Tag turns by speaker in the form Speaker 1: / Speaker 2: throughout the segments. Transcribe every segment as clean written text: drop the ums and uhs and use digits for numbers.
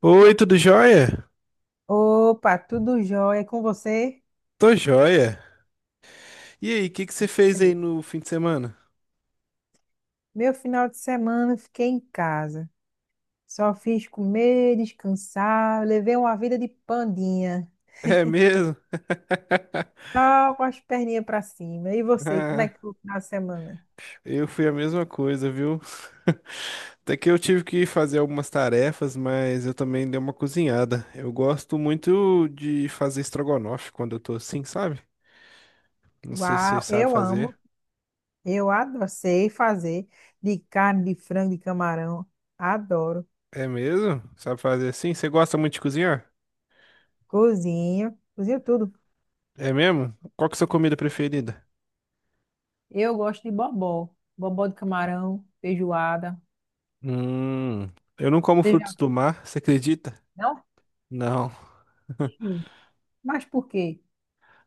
Speaker 1: Oi, tudo jóia?
Speaker 2: Opa, tudo jóia com você?
Speaker 1: Tô jóia. E aí, o que que você fez aí
Speaker 2: Beleza.
Speaker 1: no fim de semana?
Speaker 2: Meu final de semana eu fiquei em casa. Só fiz comer, descansar, levei uma vida de pandinha.
Speaker 1: É mesmo?
Speaker 2: Só com as perninhas pra cima. E você, como é
Speaker 1: Ah,
Speaker 2: que foi o final de semana?
Speaker 1: eu fui a mesma coisa, viu? Até que eu tive que fazer algumas tarefas, mas eu também dei uma cozinhada. Eu gosto muito de fazer estrogonofe quando eu tô assim, sabe? Não sei se você
Speaker 2: Uau,
Speaker 1: sabe
Speaker 2: eu
Speaker 1: fazer.
Speaker 2: amo. Eu adoro, sei fazer de carne, de frango, de camarão. Adoro.
Speaker 1: É mesmo? Sabe fazer assim? Você gosta muito de cozinhar?
Speaker 2: Cozinho, cozinho tudo.
Speaker 1: É mesmo? Qual que é a sua comida preferida?
Speaker 2: Eu gosto de bobó. Bobó de camarão, feijoada.
Speaker 1: Hum, eu não como
Speaker 2: Você já...
Speaker 1: frutos do mar, você acredita?
Speaker 2: Não?
Speaker 1: Não.
Speaker 2: Sim. Mas por quê?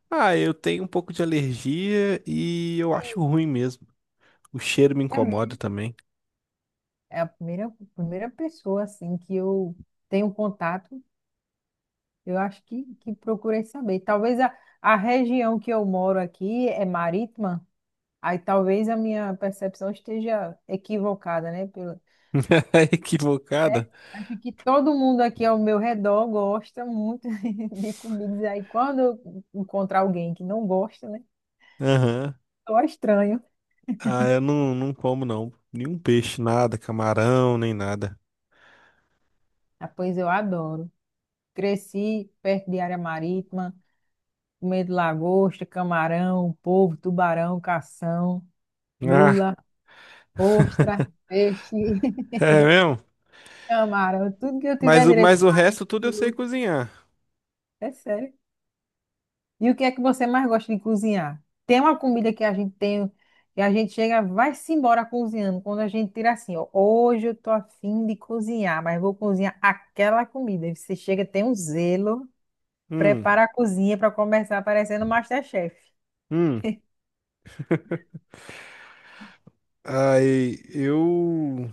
Speaker 1: Ah, eu tenho um pouco de alergia e eu acho ruim mesmo. O cheiro me
Speaker 2: É
Speaker 1: incomoda
Speaker 2: mesmo?
Speaker 1: também.
Speaker 2: É a primeira pessoa assim que eu tenho contato, eu acho que procurei saber. Talvez a região que eu moro aqui é marítima, aí talvez a minha percepção esteja equivocada, né? Pelo, né?
Speaker 1: Equivocada?
Speaker 2: Acho que todo mundo aqui ao meu redor gosta muito de comidas. Aí quando eu encontrar alguém que não gosta, né?
Speaker 1: Aham.
Speaker 2: Só estranho.
Speaker 1: Ah, eu não como não. Nenhum peixe, nada, camarão, nem nada.
Speaker 2: Ah, pois eu adoro. Cresci perto de área marítima. Comendo lagosta, camarão, polvo, tubarão, cação,
Speaker 1: Ah,
Speaker 2: lula, ostra, peixe,
Speaker 1: é mesmo?
Speaker 2: camarão, tudo que eu
Speaker 1: Mas,
Speaker 2: tiver direito,
Speaker 1: o
Speaker 2: parente,
Speaker 1: resto tudo eu sei
Speaker 2: sururu.
Speaker 1: cozinhar.
Speaker 2: É sério. E o que é que você mais gosta de cozinhar? Tem uma comida que a gente tem, que a gente chega, vai-se embora cozinhando, quando a gente tira assim, ó, hoje eu tô afim de cozinhar, mas vou cozinhar aquela comida. E você chega, tem um zelo,
Speaker 1: Hum,
Speaker 2: prepara a cozinha para começar parecendo MasterChef.
Speaker 1: hum. Aí, eu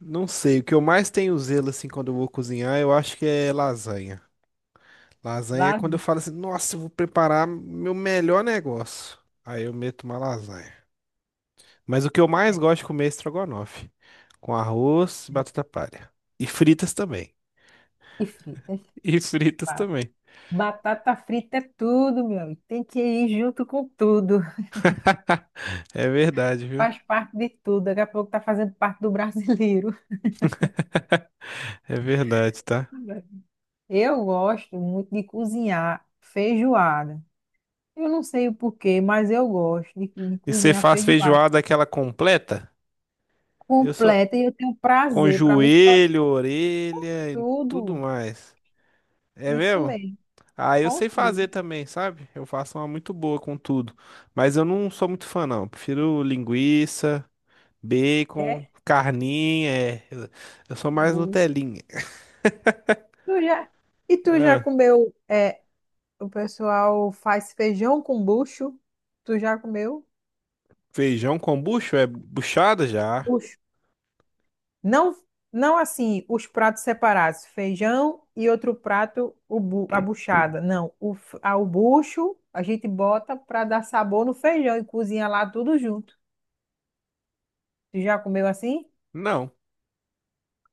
Speaker 1: não sei. O que eu mais tenho zelo assim quando eu vou cozinhar, eu acho que é lasanha. Lasanha é
Speaker 2: Lá
Speaker 1: quando eu falo assim, nossa, eu vou preparar meu melhor negócio. Aí eu meto uma lasanha. Mas o que eu mais gosto de comer é estrogonofe, com arroz e batata palha. E fritas também.
Speaker 2: e fritas.
Speaker 1: E fritas também.
Speaker 2: Batata frita é tudo, meu amigo. Tem que ir junto com tudo.
Speaker 1: É verdade, viu?
Speaker 2: Faz parte de tudo. Daqui a pouco tá fazendo parte do brasileiro.
Speaker 1: É verdade, tá?
Speaker 2: Eu gosto muito de cozinhar feijoada. Eu não sei o porquê, mas eu gosto de
Speaker 1: E você
Speaker 2: cozinhar
Speaker 1: faz
Speaker 2: feijoada
Speaker 1: feijoada aquela completa? Eu sou
Speaker 2: completa e eu tenho
Speaker 1: com
Speaker 2: prazer. Para mim, tá
Speaker 1: joelho, orelha e tudo
Speaker 2: tudo.
Speaker 1: mais. É
Speaker 2: Isso
Speaker 1: mesmo?
Speaker 2: mesmo,
Speaker 1: Ah, eu
Speaker 2: com
Speaker 1: sei fazer
Speaker 2: tudo.
Speaker 1: também, sabe? Eu faço uma muito boa com tudo. Mas eu não sou muito fã, não. Eu prefiro linguiça, bacon,
Speaker 2: É
Speaker 1: carninha. É. Eu sou mais
Speaker 2: bom.
Speaker 1: Nutelinha.
Speaker 2: Tu já... E tu já
Speaker 1: Ah,
Speaker 2: comeu? É, o pessoal faz feijão com bucho? Tu já comeu?
Speaker 1: feijão com bucho? É buchada já?
Speaker 2: Bucho. Não, não assim, os pratos separados, feijão e outro prato, a buchada. Não, o bucho a gente bota para dar sabor no feijão e cozinha lá tudo junto. Tu já comeu assim?
Speaker 1: Não.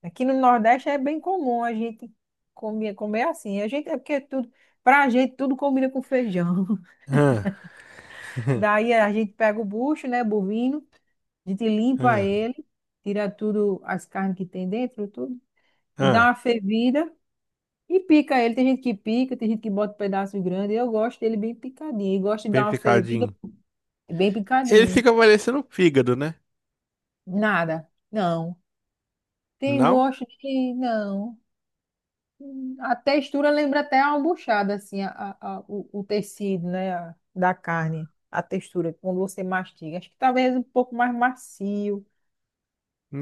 Speaker 2: Aqui no Nordeste é bem comum a gente comer assim. A gente é porque tudo, pra gente tudo combina com feijão.
Speaker 1: Ah,
Speaker 2: Daí a gente pega o bucho, né, bovino, a gente limpa
Speaker 1: ah,
Speaker 2: ele, tira tudo as carnes que tem dentro, tudo e dá
Speaker 1: ah,
Speaker 2: uma fervida. E pica ele, tem gente que pica, tem gente que bota pedaço grande. Eu gosto dele bem picadinho. Eu gosto de
Speaker 1: bem
Speaker 2: dar uma fervida
Speaker 1: picadinho.
Speaker 2: bem
Speaker 1: Ele
Speaker 2: picadinho.
Speaker 1: fica parecendo fígado, né?
Speaker 2: Nada. Não. Tem
Speaker 1: Não?
Speaker 2: gosto de. Não. A textura lembra até a albuchada, assim, o tecido, né? a- da carne. A textura, quando você mastiga. Acho que talvez um pouco mais macio.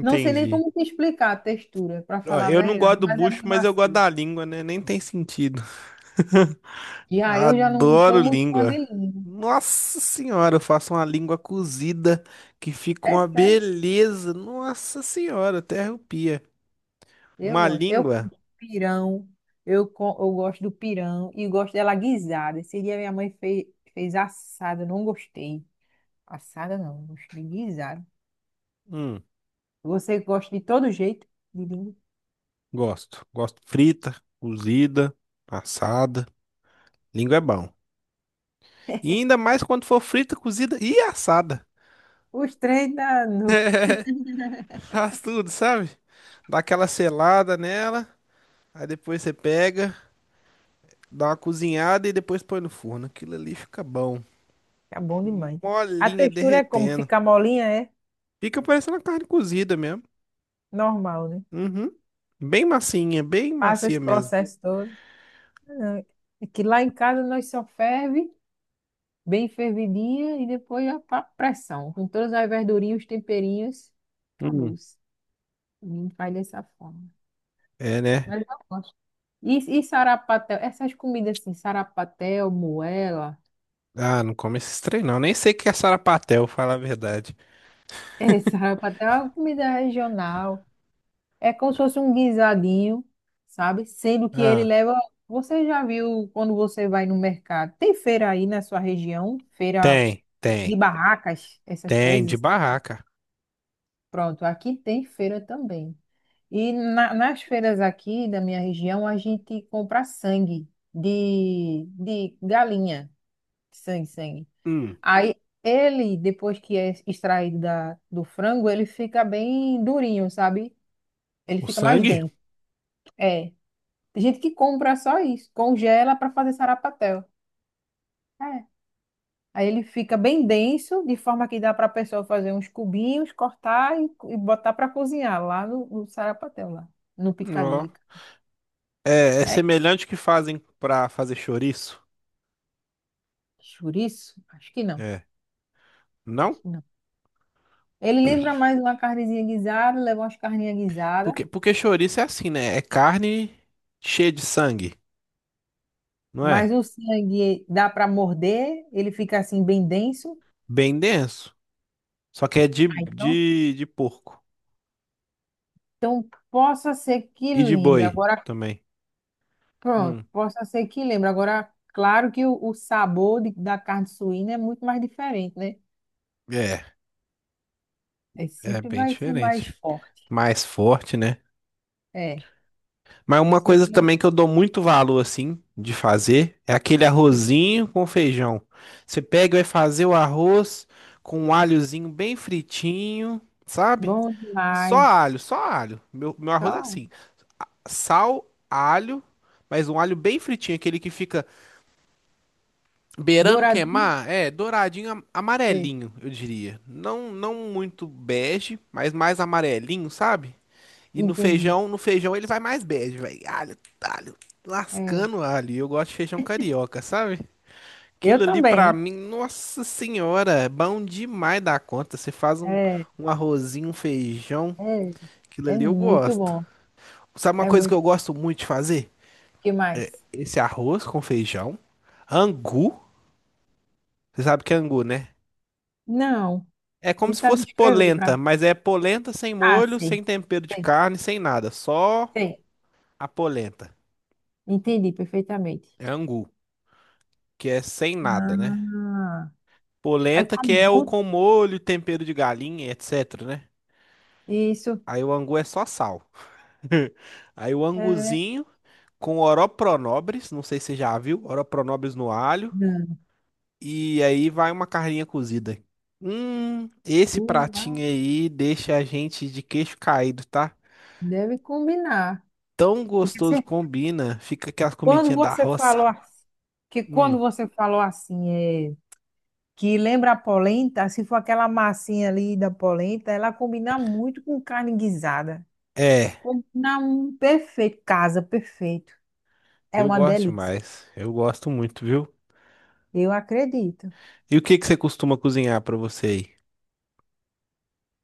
Speaker 2: Não sei nem como te explicar a textura, para
Speaker 1: Ó,
Speaker 2: falar a
Speaker 1: eu não
Speaker 2: verdade,
Speaker 1: gosto do
Speaker 2: mas é bem
Speaker 1: bucho, mas eu gosto
Speaker 2: macio.
Speaker 1: da língua, né? Nem tem sentido.
Speaker 2: Já eu já não sou
Speaker 1: Adoro
Speaker 2: muito fã de
Speaker 1: língua.
Speaker 2: língua.
Speaker 1: Nossa senhora, eu faço uma língua cozida que fica
Speaker 2: É
Speaker 1: uma
Speaker 2: sério.
Speaker 1: beleza. Nossa senhora, até arrepia.
Speaker 2: Eu
Speaker 1: Uma
Speaker 2: gosto. Eu como
Speaker 1: língua,
Speaker 2: pirão. Eu gosto do pirão e gosto dela guisada. Esse dia minha mãe fez, fez assada, eu não gostei. Assada não, gostei guisada.
Speaker 1: hum,
Speaker 2: Você gosta de todo jeito de língua?
Speaker 1: gosto. Gosto frita, cozida, assada. Língua é bom. E ainda mais quando for frita, cozida e assada.
Speaker 2: Os três da no...
Speaker 1: Faz tudo, sabe? Dá aquela selada nela, aí depois você pega, dá uma cozinhada e depois põe no forno. Aquilo ali fica bom.
Speaker 2: Fica bom demais. A
Speaker 1: Molinha
Speaker 2: textura é como
Speaker 1: derretendo.
Speaker 2: fica molinha, é
Speaker 1: Fica parecendo uma carne cozida mesmo.
Speaker 2: normal, né?
Speaker 1: Uhum. Bem massinha, bem
Speaker 2: Passa
Speaker 1: macia
Speaker 2: esse
Speaker 1: mesmo.
Speaker 2: processo todo. Ah, é que lá em casa nós só ferve bem fervidinha e depois a pressão. Com todas as verdurinhas, os temperinhos, acabou.
Speaker 1: Hum.
Speaker 2: Faz dessa forma.
Speaker 1: É, né?
Speaker 2: Mas eu gosto. E sarapatel? Essas comidas assim, sarapatel, moela.
Speaker 1: Ah, não come esse trem não. Nem sei o que é sarapatel, fala a verdade.
Speaker 2: É, sarapatel é uma comida regional. É como se fosse um guisadinho, sabe? Sendo que ele
Speaker 1: Ah,
Speaker 2: leva. Você já viu quando você vai no mercado? Tem feira aí na sua região? Feira
Speaker 1: tem,
Speaker 2: de
Speaker 1: tem,
Speaker 2: barracas, essas
Speaker 1: tem, de
Speaker 2: coisas.
Speaker 1: barraca.
Speaker 2: Pronto, aqui tem feira também. E nas feiras aqui da minha região, a gente compra sangue de galinha. Sim, sim.
Speaker 1: Hum.
Speaker 2: Aí ele, depois que é extraído da, do frango, ele fica bem durinho, sabe? Ele
Speaker 1: O
Speaker 2: fica mais
Speaker 1: sangue?
Speaker 2: denso. É. Tem gente que compra só isso, congela para fazer sarapatel. É. Aí ele fica bem denso, de forma que dá para a pessoa fazer uns cubinhos, cortar e botar para cozinhar lá no sarapatel, lá no
Speaker 1: Ó.
Speaker 2: picadinho.
Speaker 1: É, é
Speaker 2: É,
Speaker 1: semelhante ao que fazem pra fazer chouriço?
Speaker 2: chouriço? Acho que não.
Speaker 1: É.
Speaker 2: Acho
Speaker 1: Não?
Speaker 2: que não. Ele lembra mais uma carnezinha guisada, leva umas carninhas guisadas.
Speaker 1: Porque chouriço é assim, né? É carne cheia de sangue, não
Speaker 2: Mas
Speaker 1: é?
Speaker 2: o sangue dá para morder, ele fica assim bem denso.
Speaker 1: Bem denso. Só que é de,
Speaker 2: Ah, então,
Speaker 1: de, de porco.
Speaker 2: então possa ser que
Speaker 1: E de
Speaker 2: lembre.
Speaker 1: boi
Speaker 2: Agora,
Speaker 1: também.
Speaker 2: pronto,
Speaker 1: Hum,
Speaker 2: possa ser que lembre. Agora, claro que o sabor da carne suína é muito mais diferente, né?
Speaker 1: é,
Speaker 2: É,
Speaker 1: é
Speaker 2: sempre
Speaker 1: bem
Speaker 2: vai ser mais
Speaker 1: diferente.
Speaker 2: forte.
Speaker 1: Mais forte, né?
Speaker 2: É,
Speaker 1: Mas uma
Speaker 2: você
Speaker 1: coisa
Speaker 2: come
Speaker 1: também que eu dou muito valor, assim, de fazer é aquele arrozinho com feijão. Você pega e vai fazer o arroz com um alhozinho bem fritinho, sabe?
Speaker 2: bom
Speaker 1: Só
Speaker 2: demais.
Speaker 1: alho, só alho. Meu arroz é
Speaker 2: Só
Speaker 1: assim: sal, alho, mas um alho bem fritinho, aquele que fica beirando
Speaker 2: douradinho.
Speaker 1: queimar, é douradinho,
Speaker 2: É,
Speaker 1: amarelinho, eu diria. Não, não muito bege, mas mais amarelinho, sabe? E no
Speaker 2: entendi.
Speaker 1: feijão, no feijão ele vai mais bege, velho. Alho, alho,
Speaker 2: É,
Speaker 1: lascando alho. Eu gosto de feijão carioca, sabe?
Speaker 2: eu
Speaker 1: Aquilo ali pra
Speaker 2: também.
Speaker 1: mim, nossa senhora, é bom demais da conta. Você faz um,
Speaker 2: É,
Speaker 1: um arrozinho, um feijão,
Speaker 2: é,
Speaker 1: aquilo
Speaker 2: é
Speaker 1: ali eu
Speaker 2: muito
Speaker 1: gosto.
Speaker 2: bom.
Speaker 1: Sabe uma
Speaker 2: É
Speaker 1: coisa que
Speaker 2: muito.
Speaker 1: eu
Speaker 2: O
Speaker 1: gosto muito de fazer?
Speaker 2: que mais?
Speaker 1: Esse arroz com feijão, angu. Você sabe que é angu, né?
Speaker 2: Não,
Speaker 1: É como se
Speaker 2: tentar
Speaker 1: fosse
Speaker 2: descrever
Speaker 1: polenta,
Speaker 2: para
Speaker 1: mas é polenta sem
Speaker 2: Ah,
Speaker 1: molho,
Speaker 2: sei,
Speaker 1: sem tempero de
Speaker 2: sei,
Speaker 1: carne, sem nada. Só
Speaker 2: sei.
Speaker 1: a polenta.
Speaker 2: Entendi perfeitamente.
Speaker 1: É angu, que é sem nada, né?
Speaker 2: Ah, aí
Speaker 1: Polenta que
Speaker 2: come
Speaker 1: é o
Speaker 2: junto?
Speaker 1: com molho, tempero de galinha, etc, né?
Speaker 2: Isso.
Speaker 1: Aí o angu é só sal. Aí o
Speaker 2: É,
Speaker 1: anguzinho com oropronobres, não sei se você já viu, oropronobres no alho.
Speaker 2: não.
Speaker 1: E aí vai uma carninha cozida. Esse pratinho
Speaker 2: Uau,
Speaker 1: aí deixa a gente de queixo caído, tá?
Speaker 2: deve combinar.
Speaker 1: Tão
Speaker 2: Porque
Speaker 1: gostoso combina, fica aquela
Speaker 2: quando
Speaker 1: comidinhas da
Speaker 2: você
Speaker 1: roça.
Speaker 2: falou assim,
Speaker 1: Hum,
Speaker 2: quando você falou assim, é, que lembra a polenta, se for aquela massinha ali da polenta, ela combina muito com carne guisada.
Speaker 1: é,
Speaker 2: Combina um perfeito, casa perfeito. É
Speaker 1: eu
Speaker 2: uma
Speaker 1: gosto
Speaker 2: delícia.
Speaker 1: demais. Eu gosto muito, viu?
Speaker 2: Eu acredito.
Speaker 1: E o que que você costuma cozinhar pra você aí?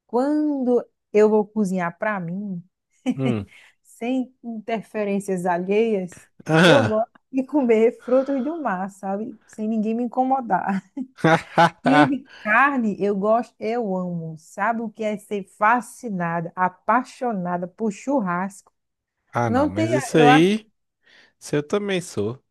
Speaker 2: Quando eu vou cozinhar para mim,
Speaker 1: Hum,
Speaker 2: sem interferências alheias, eu
Speaker 1: aham.
Speaker 2: gosto de comer frutos do mar, sabe? Sem ninguém me incomodar. E de carne, eu gosto, eu amo. Sabe o que é ser fascinada, apaixonada por churrasco?
Speaker 1: Ah, não,
Speaker 2: Não
Speaker 1: mas
Speaker 2: tem,
Speaker 1: isso
Speaker 2: eu acho,
Speaker 1: aí, isso eu também sou.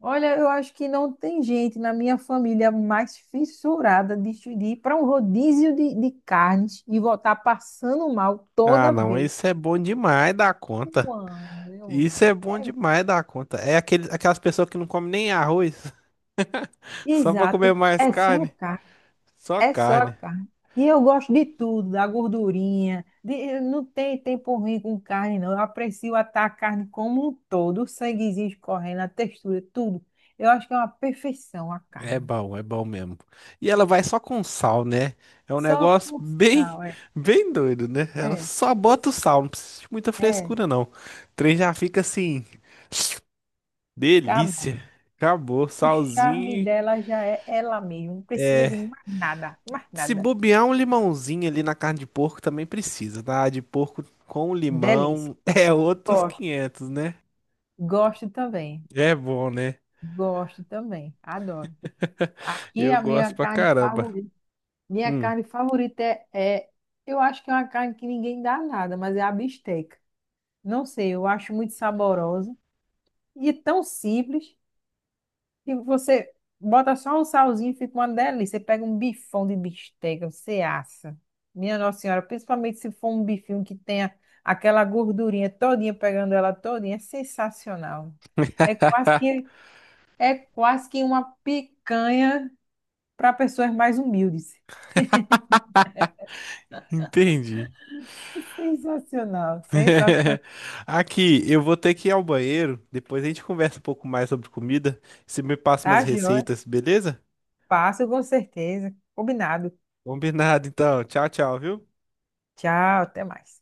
Speaker 2: olha, eu acho que não tem gente na minha família mais fissurada de ir para um rodízio de carnes e voltar passando mal
Speaker 1: Ah,
Speaker 2: toda
Speaker 1: não,
Speaker 2: vez.
Speaker 1: isso é bom demais da
Speaker 2: Eu
Speaker 1: conta.
Speaker 2: amo, eu
Speaker 1: Isso é
Speaker 2: amo.
Speaker 1: bom
Speaker 2: É,
Speaker 1: demais da conta. É aquele, aquelas pessoas que não comem nem arroz, só pra comer
Speaker 2: exato,
Speaker 1: mais
Speaker 2: é só a
Speaker 1: carne.
Speaker 2: carne,
Speaker 1: Só
Speaker 2: é só a
Speaker 1: carne.
Speaker 2: carne. E eu gosto de tudo, da gordurinha. Não tem tempo ruim com carne, não. Eu aprecio atar a carne como um todo, o sanguezinho escorrendo, a textura, tudo. Eu acho que é uma perfeição a carne.
Speaker 1: É bom mesmo. E ela vai só com sal, né? É um
Speaker 2: Só
Speaker 1: negócio
Speaker 2: com
Speaker 1: bem,
Speaker 2: sal, é.
Speaker 1: bem doido, né? Ela
Speaker 2: É,
Speaker 1: só bota o sal, não precisa de muita
Speaker 2: é.
Speaker 1: frescura, não. O trem já fica assim,
Speaker 2: Acabou.
Speaker 1: delícia. Acabou,
Speaker 2: O charme
Speaker 1: salzinho.
Speaker 2: dela já é ela mesma. Não precisa de
Speaker 1: É,
Speaker 2: mais nada, mais
Speaker 1: se
Speaker 2: nada.
Speaker 1: bobear um limãozinho ali na carne de porco também precisa, tá? A de porco com
Speaker 2: Delícia.
Speaker 1: limão é outros
Speaker 2: Gosto.
Speaker 1: 500, né?
Speaker 2: Gosto também.
Speaker 1: É bom, né?
Speaker 2: Gosto também. Adoro. Aqui
Speaker 1: Eu
Speaker 2: a
Speaker 1: gosto
Speaker 2: minha
Speaker 1: pra
Speaker 2: carne
Speaker 1: caramba.
Speaker 2: favorita, minha
Speaker 1: Hum,
Speaker 2: carne favorita é, eu acho que é uma carne que ninguém dá nada, mas é a bisteca. Não sei, eu acho muito saborosa e é tão simples que você bota só um salzinho e fica uma delícia. Você pega um bifão de bisteca, você assa. Minha Nossa Senhora, principalmente se for um bifinho que tenha aquela gordurinha todinha, pegando ela todinha, é sensacional. É quase que, é quase que uma picanha para pessoas mais humildes.
Speaker 1: entendi.
Speaker 2: Sensacional, sensacional.
Speaker 1: Aqui, eu vou ter que ir ao banheiro. Depois a gente conversa um pouco mais sobre comida. Você me passa umas
Speaker 2: Tá, joia?
Speaker 1: receitas, beleza?
Speaker 2: Passo com certeza. Combinado.
Speaker 1: Combinado, então. Tchau, tchau, viu?
Speaker 2: Tchau, até mais.